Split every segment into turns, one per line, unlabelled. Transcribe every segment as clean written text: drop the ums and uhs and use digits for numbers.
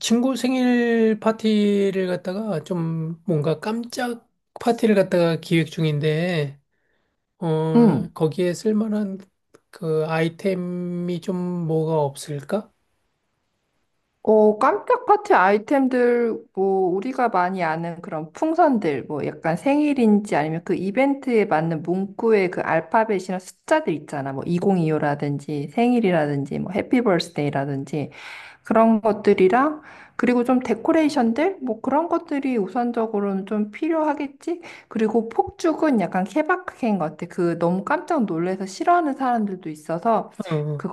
친구 생일 파티를 갖다가 좀 뭔가 깜짝 파티를 갖다가 기획 중인데,
응.
거기에 쓸만한 그 아이템이 좀 뭐가 없을까?
어, 깜짝 파티 아이템들, 뭐, 우리가 많이 아는 그런 풍선들, 뭐, 약간 생일인지 아니면 그 이벤트에 맞는 문구의 그 알파벳이나 숫자들 있잖아. 뭐, 2025라든지 생일이라든지 뭐, 해피 버스데이라든지 그런 것들이랑, 그리고 좀 데코레이션들? 뭐, 그런 것들이 우선적으로는 좀 필요하겠지? 그리고 폭죽은 약간 케바케인 것 같아. 그 너무 깜짝 놀래서 싫어하는 사람들도 있어서,
어,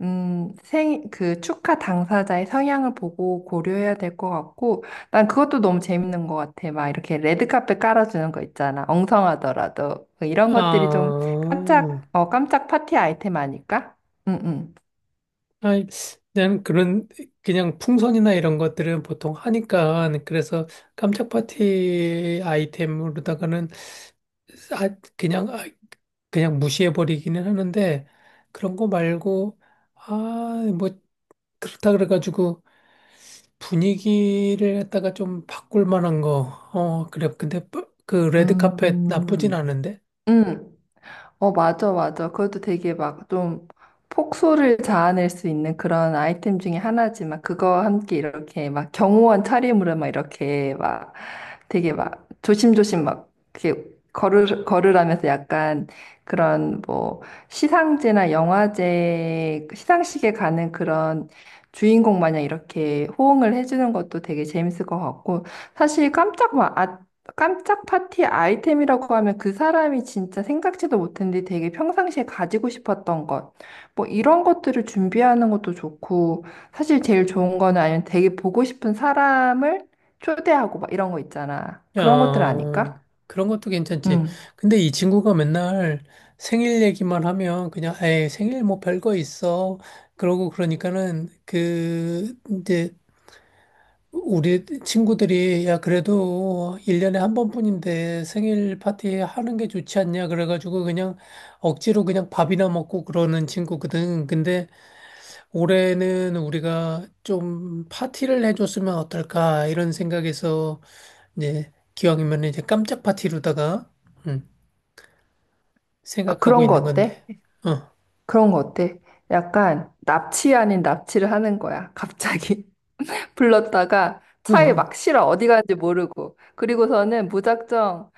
그 축하 당사자의 성향을 보고 고려해야 될 것 같고, 난 그것도 너무 재밌는 것 같아. 막 이렇게 레드카펫 깔아주는 거 있잖아. 엉성하더라도. 그 이런 것들이 좀 깜짝,
아,
어, 깜짝 파티 아이템 아닐까? 응, 응.
아이, 난 그냥 풍선이나 이런 것들은 보통 하니까, 그래서 깜짝 파티 아이템으로다가는 아, 그냥, 아, 그냥 무시해버리기는 하는데, 그런 거 말고, 아, 뭐, 그렇다 그래가지고, 분위기를 갖다가 좀 바꿀 만한 거, 그래. 근데, 레드 카펫 나쁘진
음,
않은데?
응. 어, 맞아, 맞아. 그것도 되게 막 좀 폭소를 자아낼 수 있는 그런 아이템 중에 하나지만 그거 함께 이렇게 막 경호원 차림으로 막 이렇게 막 되게 막 조심조심 막 이렇게 걸으라면서 약간 그런 뭐 시상제나 영화제, 시상식에 가는 그런 주인공 마냥 이렇게 호응을 해주는 것도 되게 재밌을 것 같고 사실 깜짝 파티 아이템이라고 하면 그 사람이 진짜 생각지도 못했는데 되게 평상시에 가지고 싶었던 것. 뭐 이런 것들을 준비하는 것도 좋고, 사실 제일 좋은 거는 아니면 되게 보고 싶은 사람을 초대하고 막 이런 거 있잖아. 그런 것들
어,
아닐까?
그런 것도 괜찮지.
응.
근데 이 친구가 맨날 생일 얘기만 하면, 그냥, 에이, 생일 뭐 별거 있어. 그러고 그러니까는, 우리 친구들이 야 그래도 1년에 한 번뿐인데 생일 파티 하는 게 좋지 않냐 그래가지고 그냥 억지로 그냥 밥이나 먹고 그러는 친구거든. 근데 올해는 우리가 좀 파티를 해줬으면 어떨까 이런 생각에서 이제 기왕이면 이제 깜짝 파티로다가 음,
아,
생각하고
그런 거
있는
어때?
건데. 어,
그런 거 어때? 약간 납치 아닌 납치를 하는 거야. 갑자기 불렀다가 차에
어.
막 실어 어디 가는지 모르고. 그리고서는 무작정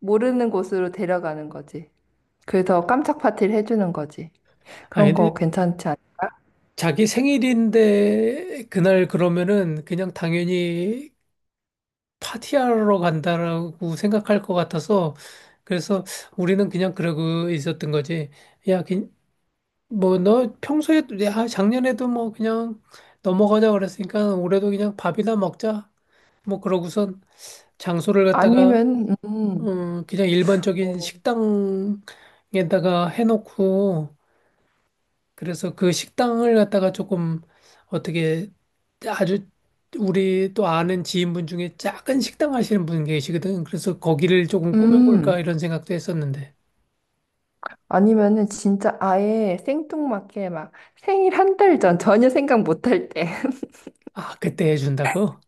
모르는 곳으로 데려가는 거지. 그래서 깜짝 파티를 해주는 거지.
아
그런
근데
거 괜찮지 않?
자기 생일인데 그날 그러면은 그냥 당연히 파티하러 간다라고 생각할 것 같아서 그래서 우리는 그냥 그러고 있었던 거지. 야, 뭐 너 평소에 야, 작년에도 뭐 그냥 넘어가자 그랬으니까 올해도 그냥 밥이나 먹자. 뭐 그러고선 장소를 갖다가
아니면
그냥 일반적인
어.
식당에다가 해놓고 그래서 그 식당을 갖다가 조금 어떻게 아주 우리 또 아는 지인분 중에 작은 식당 하시는 분 계시거든. 그래서 거기를 조금 꾸며볼까
음
이런 생각도 했었는데.
아니면은 진짜 아예 생뚱맞게 막 생일 한 달 전 전혀 생각 못할때
아, 그때 해준다고?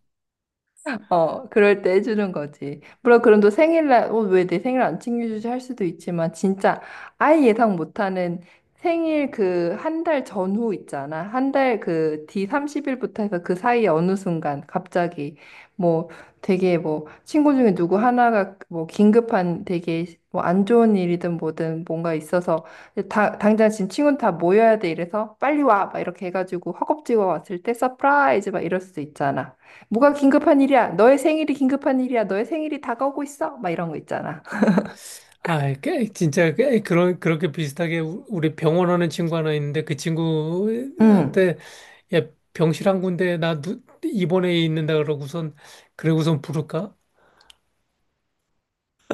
어, 그럴 때 해주는 거지. 물론 그럼 또 생일날, 어, 왜 내 생일 안 챙겨주지 할 수도 있지만, 진짜 아예 예상 못하는 생일 그 한 달 전후 있잖아. 한 달 그 뒤 30일부터 해서 그 사이에 어느 순간 갑자기 뭐 되게 뭐 친구 중에 누구 하나가 뭐 긴급한 되게 뭐 안 좋은 일이든 뭐든 뭔가 있어서 당장 지금 친구는 다 모여야 돼 이래서 빨리 와! 막 이렇게 해가지고 허겁지겁 왔을 때 서프라이즈 막 이럴 수도 있잖아. 뭐가 긴급한 일이야? 너의 생일이 긴급한 일이야. 너의 생일이 다가오고 있어. 막 이런 거 있잖아.
꽤, 진짜 꽤 그렇게 비슷하게 우리 병원 하는 친구 하나 있는데 그
응.
친구한테 야, 병실 한 군데 나 입원해 있는다 그러고선 부를까?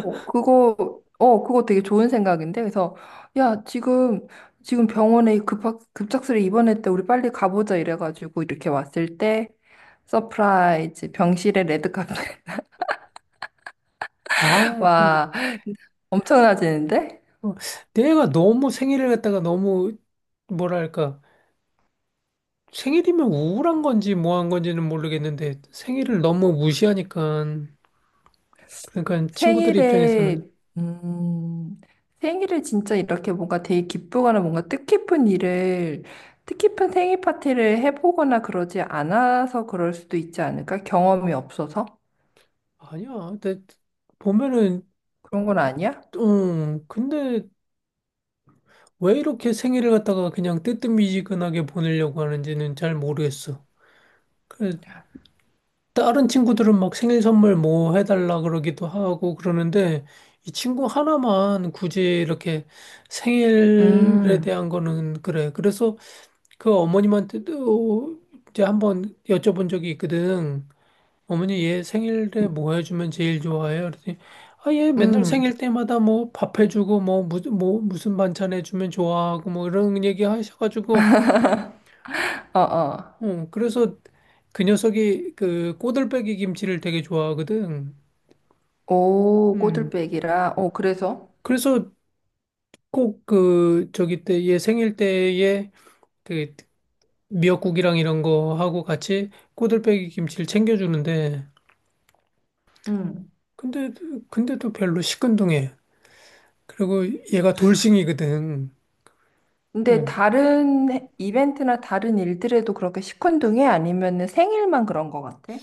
어, 그거, 어, 그거 되게 좋은 생각인데. 그래서, 야, 지금, 지금 병원에 급작스레 입원했대. 우리 빨리 가보자. 이래가지고 이렇게 왔을 때, 서프라이즈, 병실에 레드카펫.
아, 근데
와, 엄청나지는데?
어, 내가 너무 생일을 갖다가 너무 뭐랄까 생일이면 우울한 건지 뭐한 건지는 모르겠는데 생일을 너무 무시하니까 그러니까 친구들
생일에,
입장에서는
음, 생일을 진짜 이렇게 뭔가 되게 기쁘거나 뭔가 뜻깊은 일을, 뜻깊은 생일 파티를 해보거나 그러지 않아서 그럴 수도 있지 않을까? 경험이 없어서?
아니야. 근데 보면은
그런 건 아니야?
응 근데 왜 이렇게 생일을 갖다가 그냥 뜨뜻미지근하게 보내려고 하는지는 잘 모르겠어. 그 다른 친구들은 막 생일 선물 뭐 해달라 그러기도 하고 그러는데 이 친구 하나만 굳이 이렇게 생일에
음,
대한 거는 그래. 그래서 그 어머님한테도 이제 한번 여쭤본 적이 있거든. 어머니 얘 생일에 뭐 해주면 제일 좋아해요? 그랬더니 아, 얘 맨날
음,
생일 때마다 뭐 밥 해주고 뭐 무슨 반찬 해주면 좋아하고 뭐 이런 얘기 하셔가지고
어, 어.
그래서 그 녀석이 그 꼬들빼기 김치를 되게 좋아하거든.
오,
음.
꼬들빼기라. 어, 그래서?
그래서 꼭 그 저기 때 얘 생일 때에 그 미역국이랑 이런 거 하고 같이 꼬들빼기 김치를 챙겨주는데
음.
근데, 근데도 별로 시큰둥해. 그리고 얘가 돌싱이거든.
근데
응.
다른 이벤트나 다른 일들에도 그렇게 시큰둥해? 아니면은 생일만 그런 것 같아?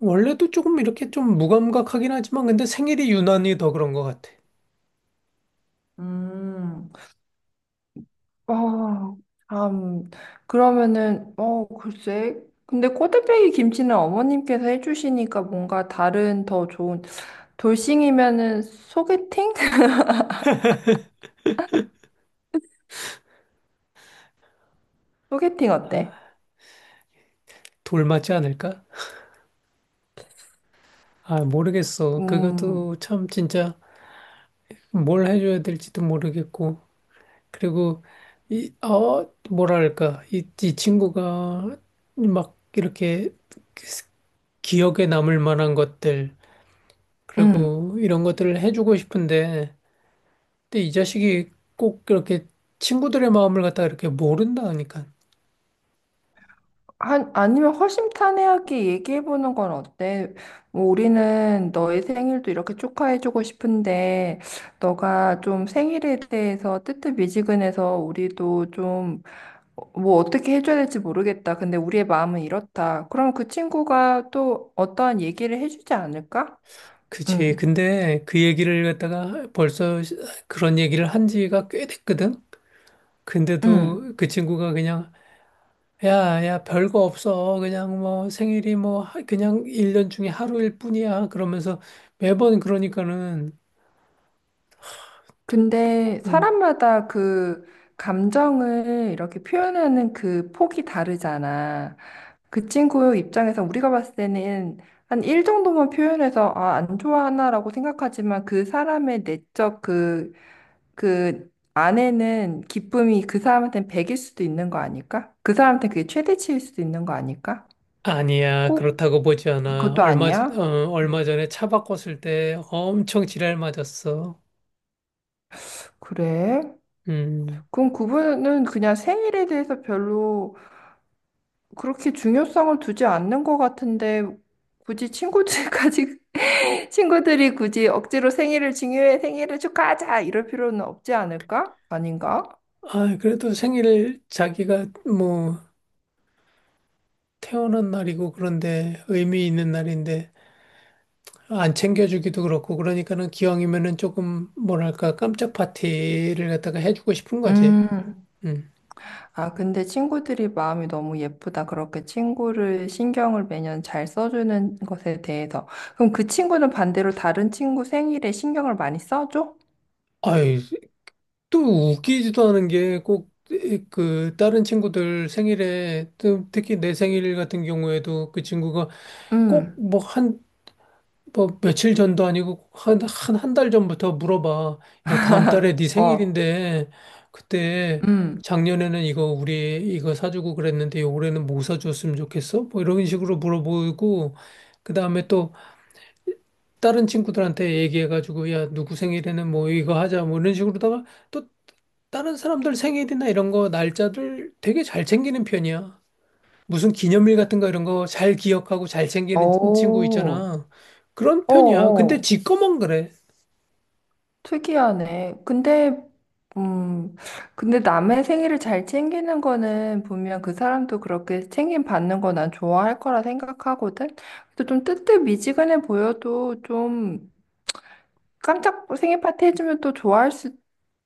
원래도 조금 이렇게 좀 무감각하긴 하지만, 근데 생일이 유난히 더 그런 것 같아.
음. 어, 참, 그러면은, 어, 글쎄. 근데 꼬들빼기 김치는 어머님께서 해주시니까 뭔가 다른 더 좋은, 돌싱이면은 소개팅? 소개팅
아,
어때?
돌 맞지 않을까? 아, 모르겠어.
음,
그것도 참 진짜 뭘 해줘야 될지도 모르겠고. 그리고, 이, 어, 뭐랄까. 이 친구가 막 이렇게 기억에 남을 만한 것들,
음.
그리고 이런 것들을 해주고 싶은데, 근데 이 자식이 꼭 그렇게 친구들의 마음을 갖다가 이렇게 모른다니까.
한, 아니면 허심탄회하게 얘기해보는 건 어때? 뭐 우리는 너의 생일도 이렇게 축하해주고 싶은데, 너가 좀 생일에 대해서 뜨뜻미지근해서 우리도 좀 어, 뭐 어떻게 해줘야 될지 모르겠다. 근데 우리의 마음은 이렇다. 그럼 그 친구가 또 어떠한 얘기를 해주지 않을까?
그치.
응,
근데 그 얘기를 갖다가 벌써 그런 얘기를 한 지가 꽤 됐거든?
응.
근데도 그 친구가 그냥, 야, 야, 별거 없어. 그냥 뭐 생일이 그냥 일년 중에 하루일 뿐이야. 그러면서 매번 그러니까는 또,
근데
음.
사람마다 그 감정을 이렇게 표현하는 그 폭이 다르잖아. 그 친구 입장에서 우리가 봤을 때는 한 일 정도만 표현해서 아, 안 좋아하나라고 생각하지만 그 사람의 내적 그 아내는 기쁨이 그 사람한테는 100일 수도 있는 거 아닐까? 그 사람한테 그게 최대치일 수도 있는 거 아닐까?
아니야.
꼭
그렇다고 보지 않아.
그것도 아니야? 음,
얼마 전에 차 바꿨을 때 엄청 지랄 맞았어.
그래?
음.
그럼 그분은 그냥 생일에 대해서 별로 그렇게 중요성을 두지 않는 것 같은데 굳이 친구들까지 친구들이 굳이 억지로 생일을 중요해 생일을 축하하자 이럴 필요는 없지 않을까? 아닌가?
아, 그래도 생일 자기가 뭐 태어난 날이고 그런데 의미 있는 날인데 안 챙겨주기도 그렇고 그러니까는 기왕이면은 조금 뭐랄까 깜짝 파티를 갖다가 해주고 싶은 거지.
음,
음.
아, 근데 친구들이 마음이 너무 예쁘다. 그렇게 친구를 신경을 매년 잘 써주는 것에 대해서. 그럼 그 친구는 반대로 다른 친구 생일에 신경을 많이 써줘?
아이, 또 웃기지도 않은 게 꼭 그 다른 친구들 생일에 또 특히 내 생일 같은 경우에도 그 친구가 꼭
음,
뭐한 뭐 며칠 전도 아니고 1달 전부터 물어봐. 야, 다음 달에 네
어,
생일인데 그때
음,
작년에는 이거 우리 이거 사주고 그랬는데 올해는 뭐 사줬으면 좋겠어? 뭐 이런 식으로 물어보고 그다음에 또 다른 친구들한테 얘기해가지고 야, 누구 생일에는 뭐 이거 하자 뭐 이런 식으로다가 또 다른 사람들 생일이나 이런 거 날짜들 되게 잘 챙기는 편이야. 무슨 기념일 같은 거 이런 거 잘 기억하고 잘 챙기는 친구
오,
있잖아. 그런
어,
편이야. 근데
어.
지 거만 그래.
특이하네. 근데, 음, 근데 남의 생일을 잘 챙기는 거는 분명 그 사람도 그렇게 챙김 받는 거 난 좋아할 거라 생각하거든? 근데 좀 뜨뜻미지근해 보여도 좀 깜짝 생일 파티 해주면 또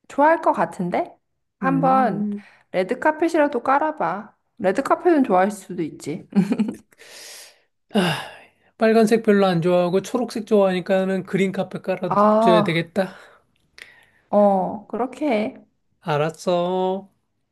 좋아할 것 같은데? 한번
음,
레드 카펫이라도 깔아봐. 레드 카펫은 좋아할 수도 있지. 음.
아, 빨간색 별로 안 좋아하고 초록색 좋아하니까는 그린 카펫 깔아줘야
아,
되겠다.
어, 그렇게 해.
알았어.